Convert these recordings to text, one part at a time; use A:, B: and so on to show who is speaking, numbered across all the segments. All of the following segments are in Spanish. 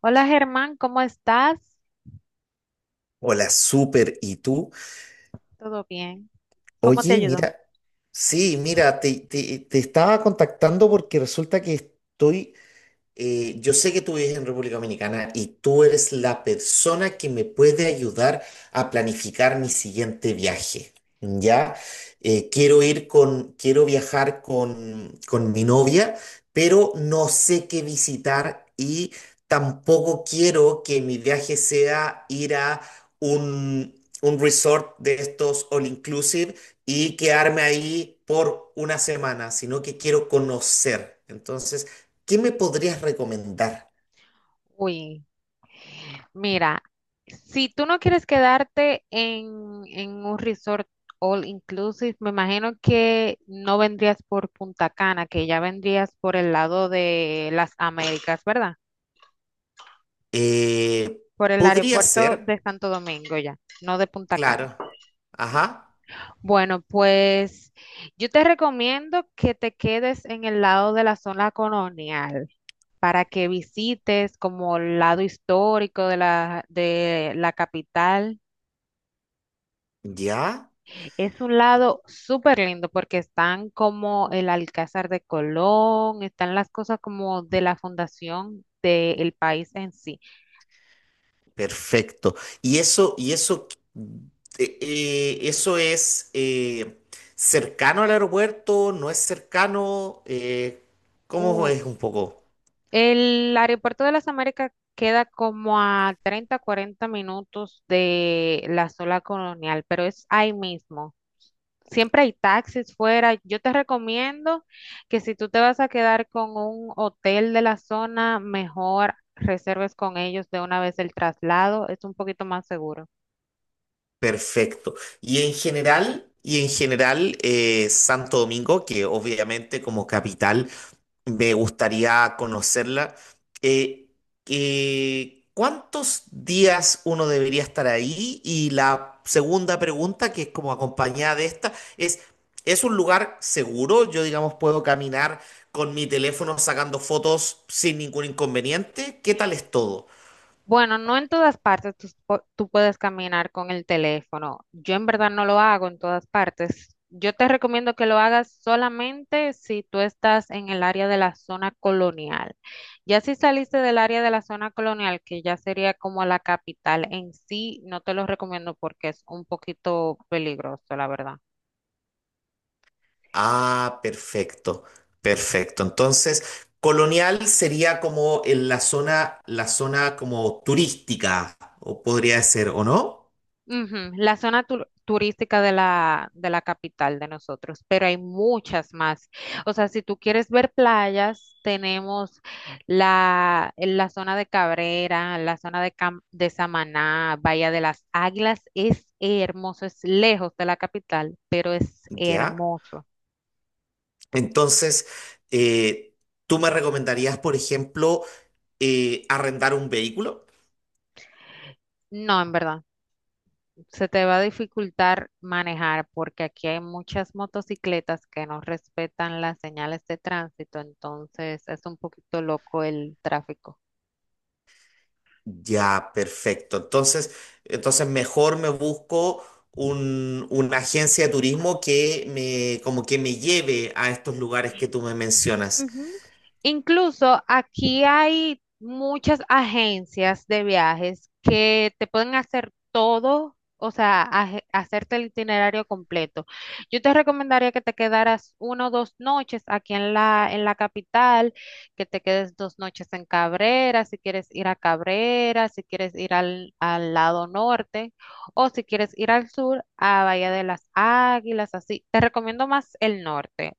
A: Hola Germán, ¿cómo estás?
B: Hola, súper. ¿Y tú?
A: ¿Todo bien? ¿Cómo te
B: Oye,
A: ayudó?
B: mira, sí, mira, te estaba contactando porque resulta que estoy, yo sé que tú vives en República Dominicana y tú eres la persona que me puede ayudar a planificar mi siguiente viaje, ¿ya? Quiero ir con, quiero viajar con mi novia, pero no sé qué visitar y tampoco quiero que mi viaje sea ir a un, un resort de estos all inclusive y quedarme ahí por una semana, sino que quiero conocer. Entonces, ¿qué me podrías recomendar?
A: Uy, mira, si tú no quieres quedarte en un resort all inclusive, me imagino que no vendrías por Punta Cana, que ya vendrías por el lado de las Américas, ¿verdad?
B: Eh,
A: Por el
B: Podría
A: aeropuerto
B: ser,
A: de Santo Domingo ya, no de Punta Cana.
B: claro. Ajá,
A: Bueno, pues yo te recomiendo que te quedes en el lado de la zona colonial, para que visites como el lado histórico de la capital.
B: ya,
A: Es un lado súper lindo porque están como el Alcázar de Colón, están las cosas como de la fundación del país en sí.
B: perfecto. Y eso, y eso, Eso es cercano al aeropuerto, no es cercano. ¿Cómo
A: U-
B: es un poco?
A: el aeropuerto de las Américas queda como a 30 40 minutos de la zona colonial, pero es ahí mismo. Siempre hay taxis fuera. Yo te recomiendo que si tú te vas a quedar con un hotel de la zona, mejor reserves con ellos de una vez el traslado. Es un poquito más seguro.
B: Perfecto. Y en general, Santo Domingo, que obviamente como capital, me gustaría conocerla. Eh, ¿Cuántos días uno debería estar ahí? Y la segunda pregunta, que es como acompañada de esta, es: ¿es un lugar seguro? Yo, digamos, puedo caminar con mi teléfono sacando fotos sin ningún inconveniente. ¿Qué tal es todo?
A: Bueno, no en todas partes tú, tú puedes caminar con el teléfono. Yo en verdad no lo hago en todas partes. Yo te recomiendo que lo hagas solamente si tú estás en el área de la zona colonial. Ya si saliste del área de la zona colonial, que ya sería como la capital en sí, no te lo recomiendo porque es un poquito peligroso, la verdad.
B: Ah, perfecto, perfecto. Entonces, Colonial sería como en la zona como turística, o podría ser, ¿o no?
A: Ujú. La zona turística de la capital de nosotros, pero hay muchas más. O sea, si tú quieres ver playas, tenemos la zona de Cabrera, la zona de, de Samaná, Bahía de las Águilas. Es hermoso, es lejos de la capital, pero es
B: Ya.
A: hermoso.
B: Entonces, eh, ¿tú me recomendarías, por ejemplo, arrendar un vehículo?
A: No, en verdad, se te va a dificultar manejar porque aquí hay muchas motocicletas que no respetan las señales de tránsito, entonces es un poquito loco el tráfico.
B: Ya, perfecto. Entonces, entonces mejor me busco una agencia de turismo que me, como que me lleve a estos lugares que tú me mencionas.
A: Ujú. Incluso aquí hay muchas agencias de viajes que te pueden hacer todo, o sea, hacerte el itinerario completo. Yo te recomendaría que te quedaras una o dos noches aquí en la capital, que te quedes dos noches en Cabrera, si quieres ir a Cabrera, si quieres ir al lado norte, o si quieres ir al sur, a Bahía de las Águilas, así. Te recomiendo más el norte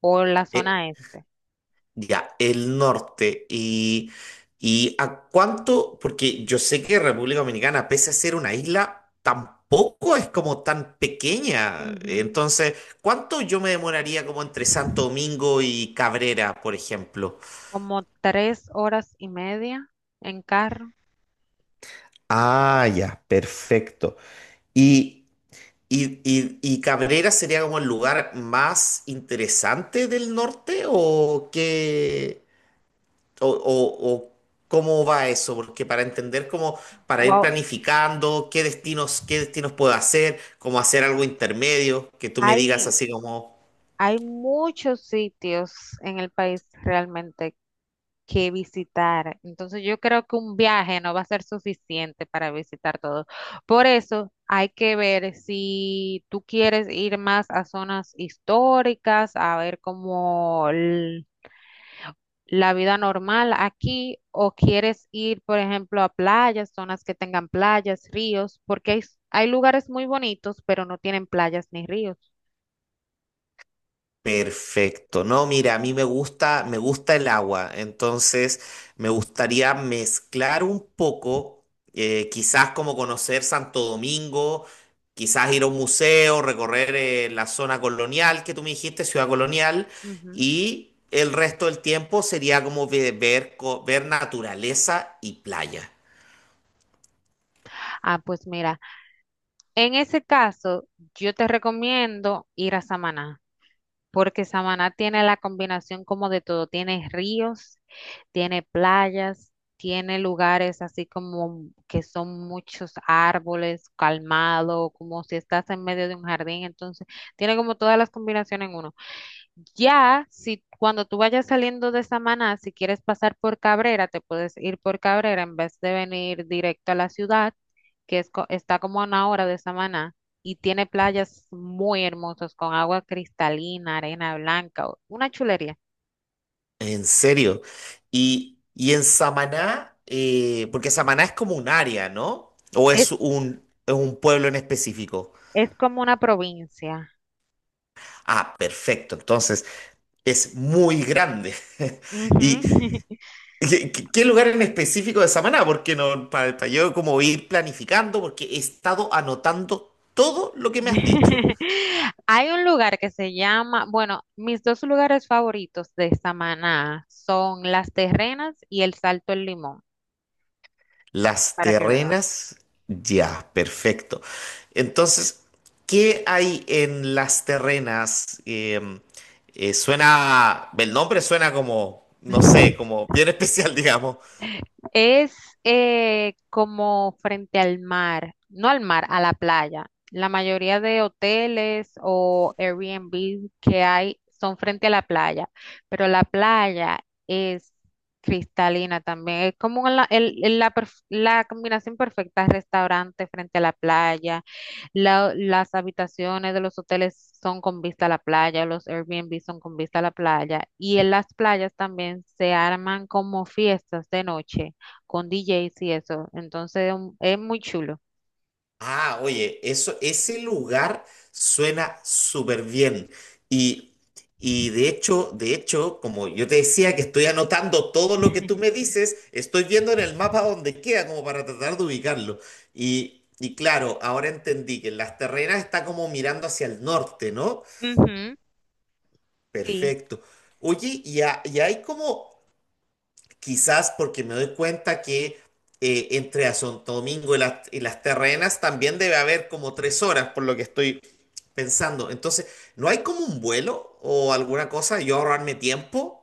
A: o la
B: Eh,
A: zona este.
B: Ya, el norte. Y a cuánto? Porque yo sé que República Dominicana, pese a ser una isla, tampoco es como tan pequeña.
A: Ujú.
B: Entonces, ¿cuánto yo me demoraría como entre Santo Domingo y Cabrera, por ejemplo?
A: Como tres horas y media en carro.
B: Ah, ya, perfecto. Y ¿y, y, y Cabrera sería como el lugar más interesante del norte o qué? O cómo va eso, porque para entender cómo, para ir
A: Wow,
B: planificando qué destinos puedo hacer, cómo hacer algo intermedio, que tú me digas
A: hay,
B: así como...
A: hay muchos sitios en el país realmente que visitar. Entonces yo creo que un viaje no va a ser suficiente para visitar todo. Por eso hay que ver si tú quieres ir más a zonas históricas, a ver como la vida normal aquí, o quieres ir, por ejemplo, a playas, zonas que tengan playas, ríos, porque hay lugares muy bonitos, pero no tienen playas ni ríos.
B: Perfecto. No, mira, a mí me gusta el agua, entonces me gustaría mezclar un poco, quizás como conocer Santo Domingo, quizás ir a un museo, recorrer la zona colonial que tú me dijiste, ciudad colonial,
A: Ujú.
B: y el resto del tiempo sería como ver naturaleza y playa.
A: Ah, pues mira, en ese caso, yo te recomiendo ir a Samaná, porque Samaná tiene la combinación como de todo, tiene ríos, tiene playas, tiene lugares así como que son muchos árboles, calmado, como si estás en medio de un jardín, entonces tiene como todas las combinaciones en uno. Ya, si cuando tú vayas saliendo de Samaná, si quieres pasar por Cabrera, te puedes ir por Cabrera en vez de venir directo a la ciudad, que está como a una hora de Samaná y tiene playas muy hermosas con agua cristalina, arena blanca, una chulería.
B: En serio. Y en Samaná, porque Samaná es como un área, ¿no? ¿O
A: Es,
B: es un pueblo en específico?
A: es como una provincia.
B: Ah, perfecto. Entonces, es muy grande.
A: Ujú.
B: ¿Y qué, qué lugar en específico de Samaná? Porque no, para yo como ir planificando, porque he estado anotando todo lo que me has dicho.
A: Hay un lugar que se llama, bueno, mis dos lugares favoritos de Samaná son Las Terrenas y el Salto El Limón,
B: Las
A: para que veas.
B: Terrenas, ya, perfecto. Entonces, ¿qué hay en Las Terrenas? Suena, el nombre suena como, no sé, como bien especial, digamos.
A: Es como frente al mar, no al mar, a la playa. La mayoría de hoteles o Airbnb que hay son frente a la playa, pero la playa es cristalina también. Es como la, el- la perf- la combinación perfecta, restaurante frente a la playa, las habitaciones de los hoteles son con vista a la playa, los Airbnb son con vista a la playa y en las playas también se arman como fiestas de noche con DJs y eso. Entonces es muy chulo.
B: Ah, oye, eso, ese lugar suena súper bien. Y, y de hecho, como yo te decía que estoy anotando todo lo que tú me dices, estoy viendo en el mapa dónde queda, como para tratar de ubicarlo. Y claro, ahora entendí que en Las Terrenas está como mirando hacia el norte, ¿no?
A: Ujú. Sí.
B: Perfecto. Oye, y hay como... Quizás porque me doy cuenta que, entre a Santo Domingo y, y Las Terrenas también debe haber como 3 horas, por lo que estoy pensando. Entonces, ¿no hay como un vuelo o alguna cosa? Yo ahorrarme tiempo.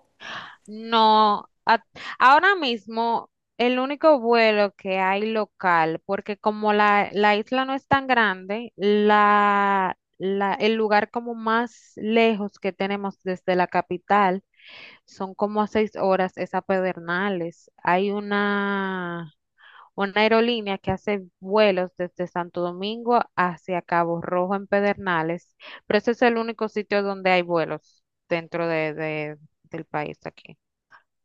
A: No, ahora mismo el único vuelo que hay local, porque como la isla no es tan grande, el lugar como más lejos que tenemos desde la capital son como a seis horas, es a Pedernales. Hay una aerolínea que hace vuelos desde Santo Domingo hacia Cabo Rojo en Pedernales, pero ese es el único sitio donde hay vuelos dentro del país aquí.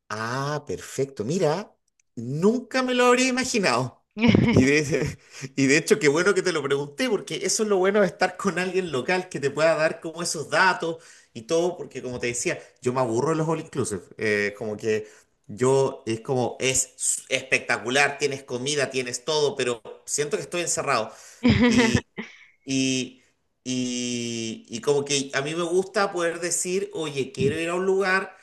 B: Ah, perfecto. Mira, nunca me lo habría imaginado. Y de, y de hecho, qué bueno que te lo pregunté, porque eso es lo bueno de estar con alguien local que te pueda dar como esos datos y todo, porque como te decía, yo me aburro de los all inclusive. Como que yo es como, espectacular, tienes comida, tienes todo, pero siento que estoy encerrado. Y, y, y como que a mí me gusta poder decir: oye, quiero ir a un lugar,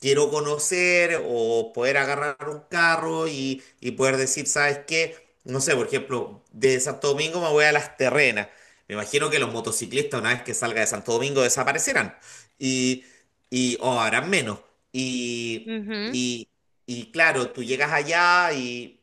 B: quiero conocer, o poder agarrar un carro y poder decir: ¿sabes qué? No sé, por ejemplo, de Santo Domingo me voy a Las Terrenas. Me imagino que los motociclistas una vez que salga de Santo Domingo desaparecerán y, o harán menos. Y,
A: Ujú.
B: y, y claro, tú llegas allá y...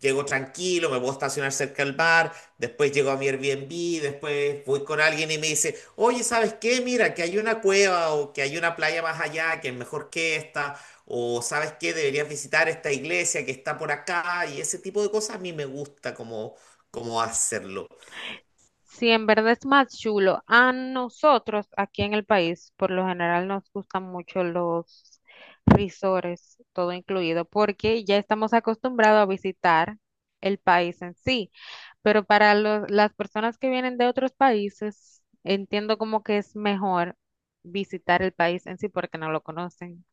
B: Llego tranquilo, me puedo estacionar cerca del bar, después llego a mi Airbnb, después voy con alguien y me dice: oye, ¿sabes qué? Mira, que hay una cueva o que hay una playa más allá que es mejor que esta, o ¿sabes qué? Deberías visitar esta iglesia que está por acá. Y ese tipo de cosas a mí me gusta como, como hacerlo.
A: Sí, en verdad es más chulo. A nosotros aquí en el país, por lo general, nos gustan mucho los risores, todo incluido, porque ya estamos acostumbrados a visitar el país en sí. Pero para las personas que vienen de otros países, entiendo como que es mejor visitar el país en sí porque no lo conocen.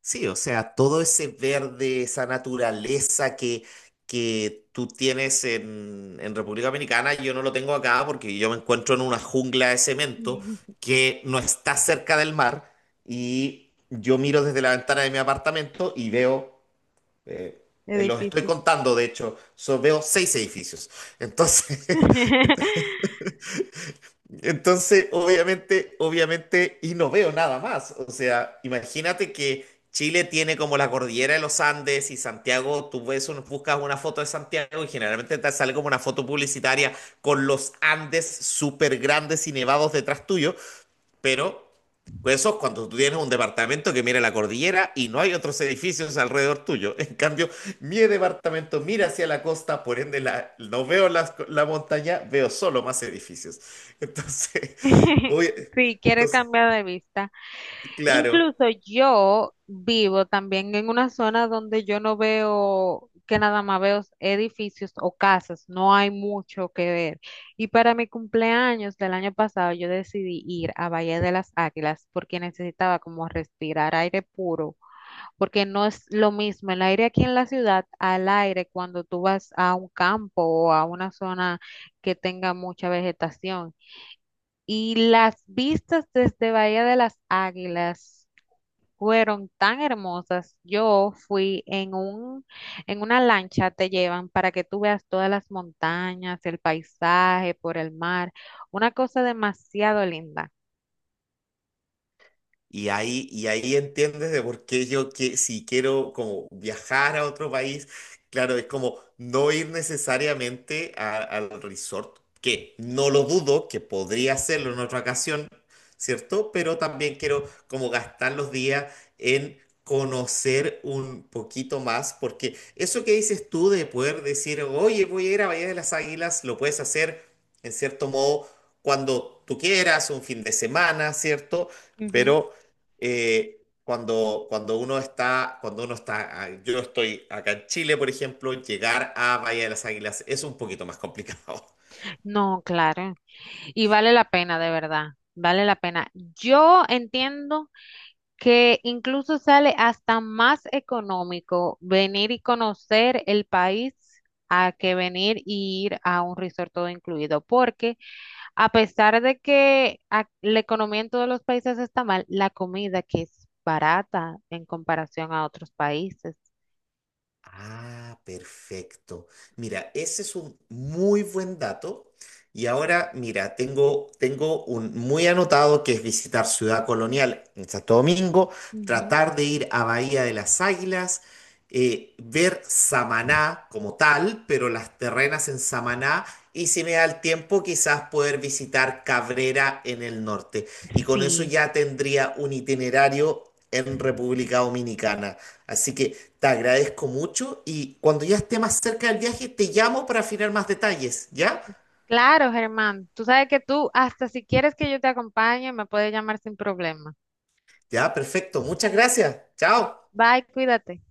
B: Sí, o sea, todo ese verde, esa naturaleza que tú tienes en República Dominicana, yo no lo tengo acá porque yo me encuentro en una jungla de cemento que no está cerca del mar, y yo miro desde la ventana de mi apartamento y veo, eh,
A: Es
B: los estoy
A: difícil.
B: contando, de hecho, veo seis edificios. Entonces, entonces, obviamente, obviamente, y no veo nada más. O sea, imagínate que Chile tiene como la cordillera de los Andes y Santiago, tú ves, buscas una foto de Santiago y generalmente te sale como una foto publicitaria con los Andes súper grandes y nevados detrás tuyo, pero pues eso es cuando tú tienes un departamento que mira la cordillera y no hay otros edificios alrededor tuyo. En cambio, mi departamento mira hacia la costa, por ende no veo la montaña, veo solo más edificios. Entonces, oye,
A: Sí, quieres
B: entonces,
A: cambiar de vista.
B: claro.
A: Incluso yo vivo también en una zona donde yo no veo, que nada más veo edificios o casas, no hay mucho que ver. Y para mi cumpleaños del año pasado yo decidí ir a Valle de las Águilas porque necesitaba como respirar aire puro, porque no es lo mismo el aire aquí en la ciudad al aire cuando tú vas a un campo o a una zona que tenga mucha vegetación. Y las vistas desde Bahía de las Águilas fueron tan hermosas. Yo fui en en una lancha, te llevan para que tú veas todas las montañas, el paisaje por el mar, una cosa demasiado linda.
B: Y ahí entiendes de por qué yo, que si quiero como viajar a otro país, claro, es como no ir necesariamente al resort, que no lo dudo, que podría hacerlo en otra ocasión, ¿cierto? Pero también quiero como gastar los días en conocer un poquito más, porque eso que dices tú de poder decir: oye, voy a ir a Bahía de las Águilas, lo puedes hacer en cierto modo cuando tú quieras, un fin de semana, ¿cierto?
A: Ujú.
B: Pero cuando uno está, yo estoy acá en Chile, por ejemplo, llegar a Bahía de las Águilas es un poquito más complicado.
A: No, claro. Y vale la pena, de verdad. Vale la pena. Yo entiendo que incluso sale hasta más económico venir y conocer el país a que venir y ir a un resort todo incluido, porque a pesar de que la economía en todos los países está mal, la comida que es barata en comparación a otros países.
B: Ah, perfecto. Mira, ese es un muy buen dato. Y ahora, mira, tengo un muy anotado, que es visitar Ciudad Colonial en Santo Domingo,
A: Ujú.
B: tratar de ir a Bahía de las Águilas, ver Samaná como tal, pero Las Terrenas en Samaná, y si me da el tiempo, quizás poder visitar Cabrera en el norte. Y con eso
A: Sí.
B: ya tendría un itinerario en República Dominicana. Así que... te agradezco mucho y cuando ya esté más cerca del viaje te llamo para afinar más detalles, ¿ya?
A: Claro, Germán. Tú sabes que tú, hasta si quieres que yo te acompañe, me puedes llamar sin problema.
B: Ya, perfecto. Muchas gracias. Chao.
A: Bye, cuídate.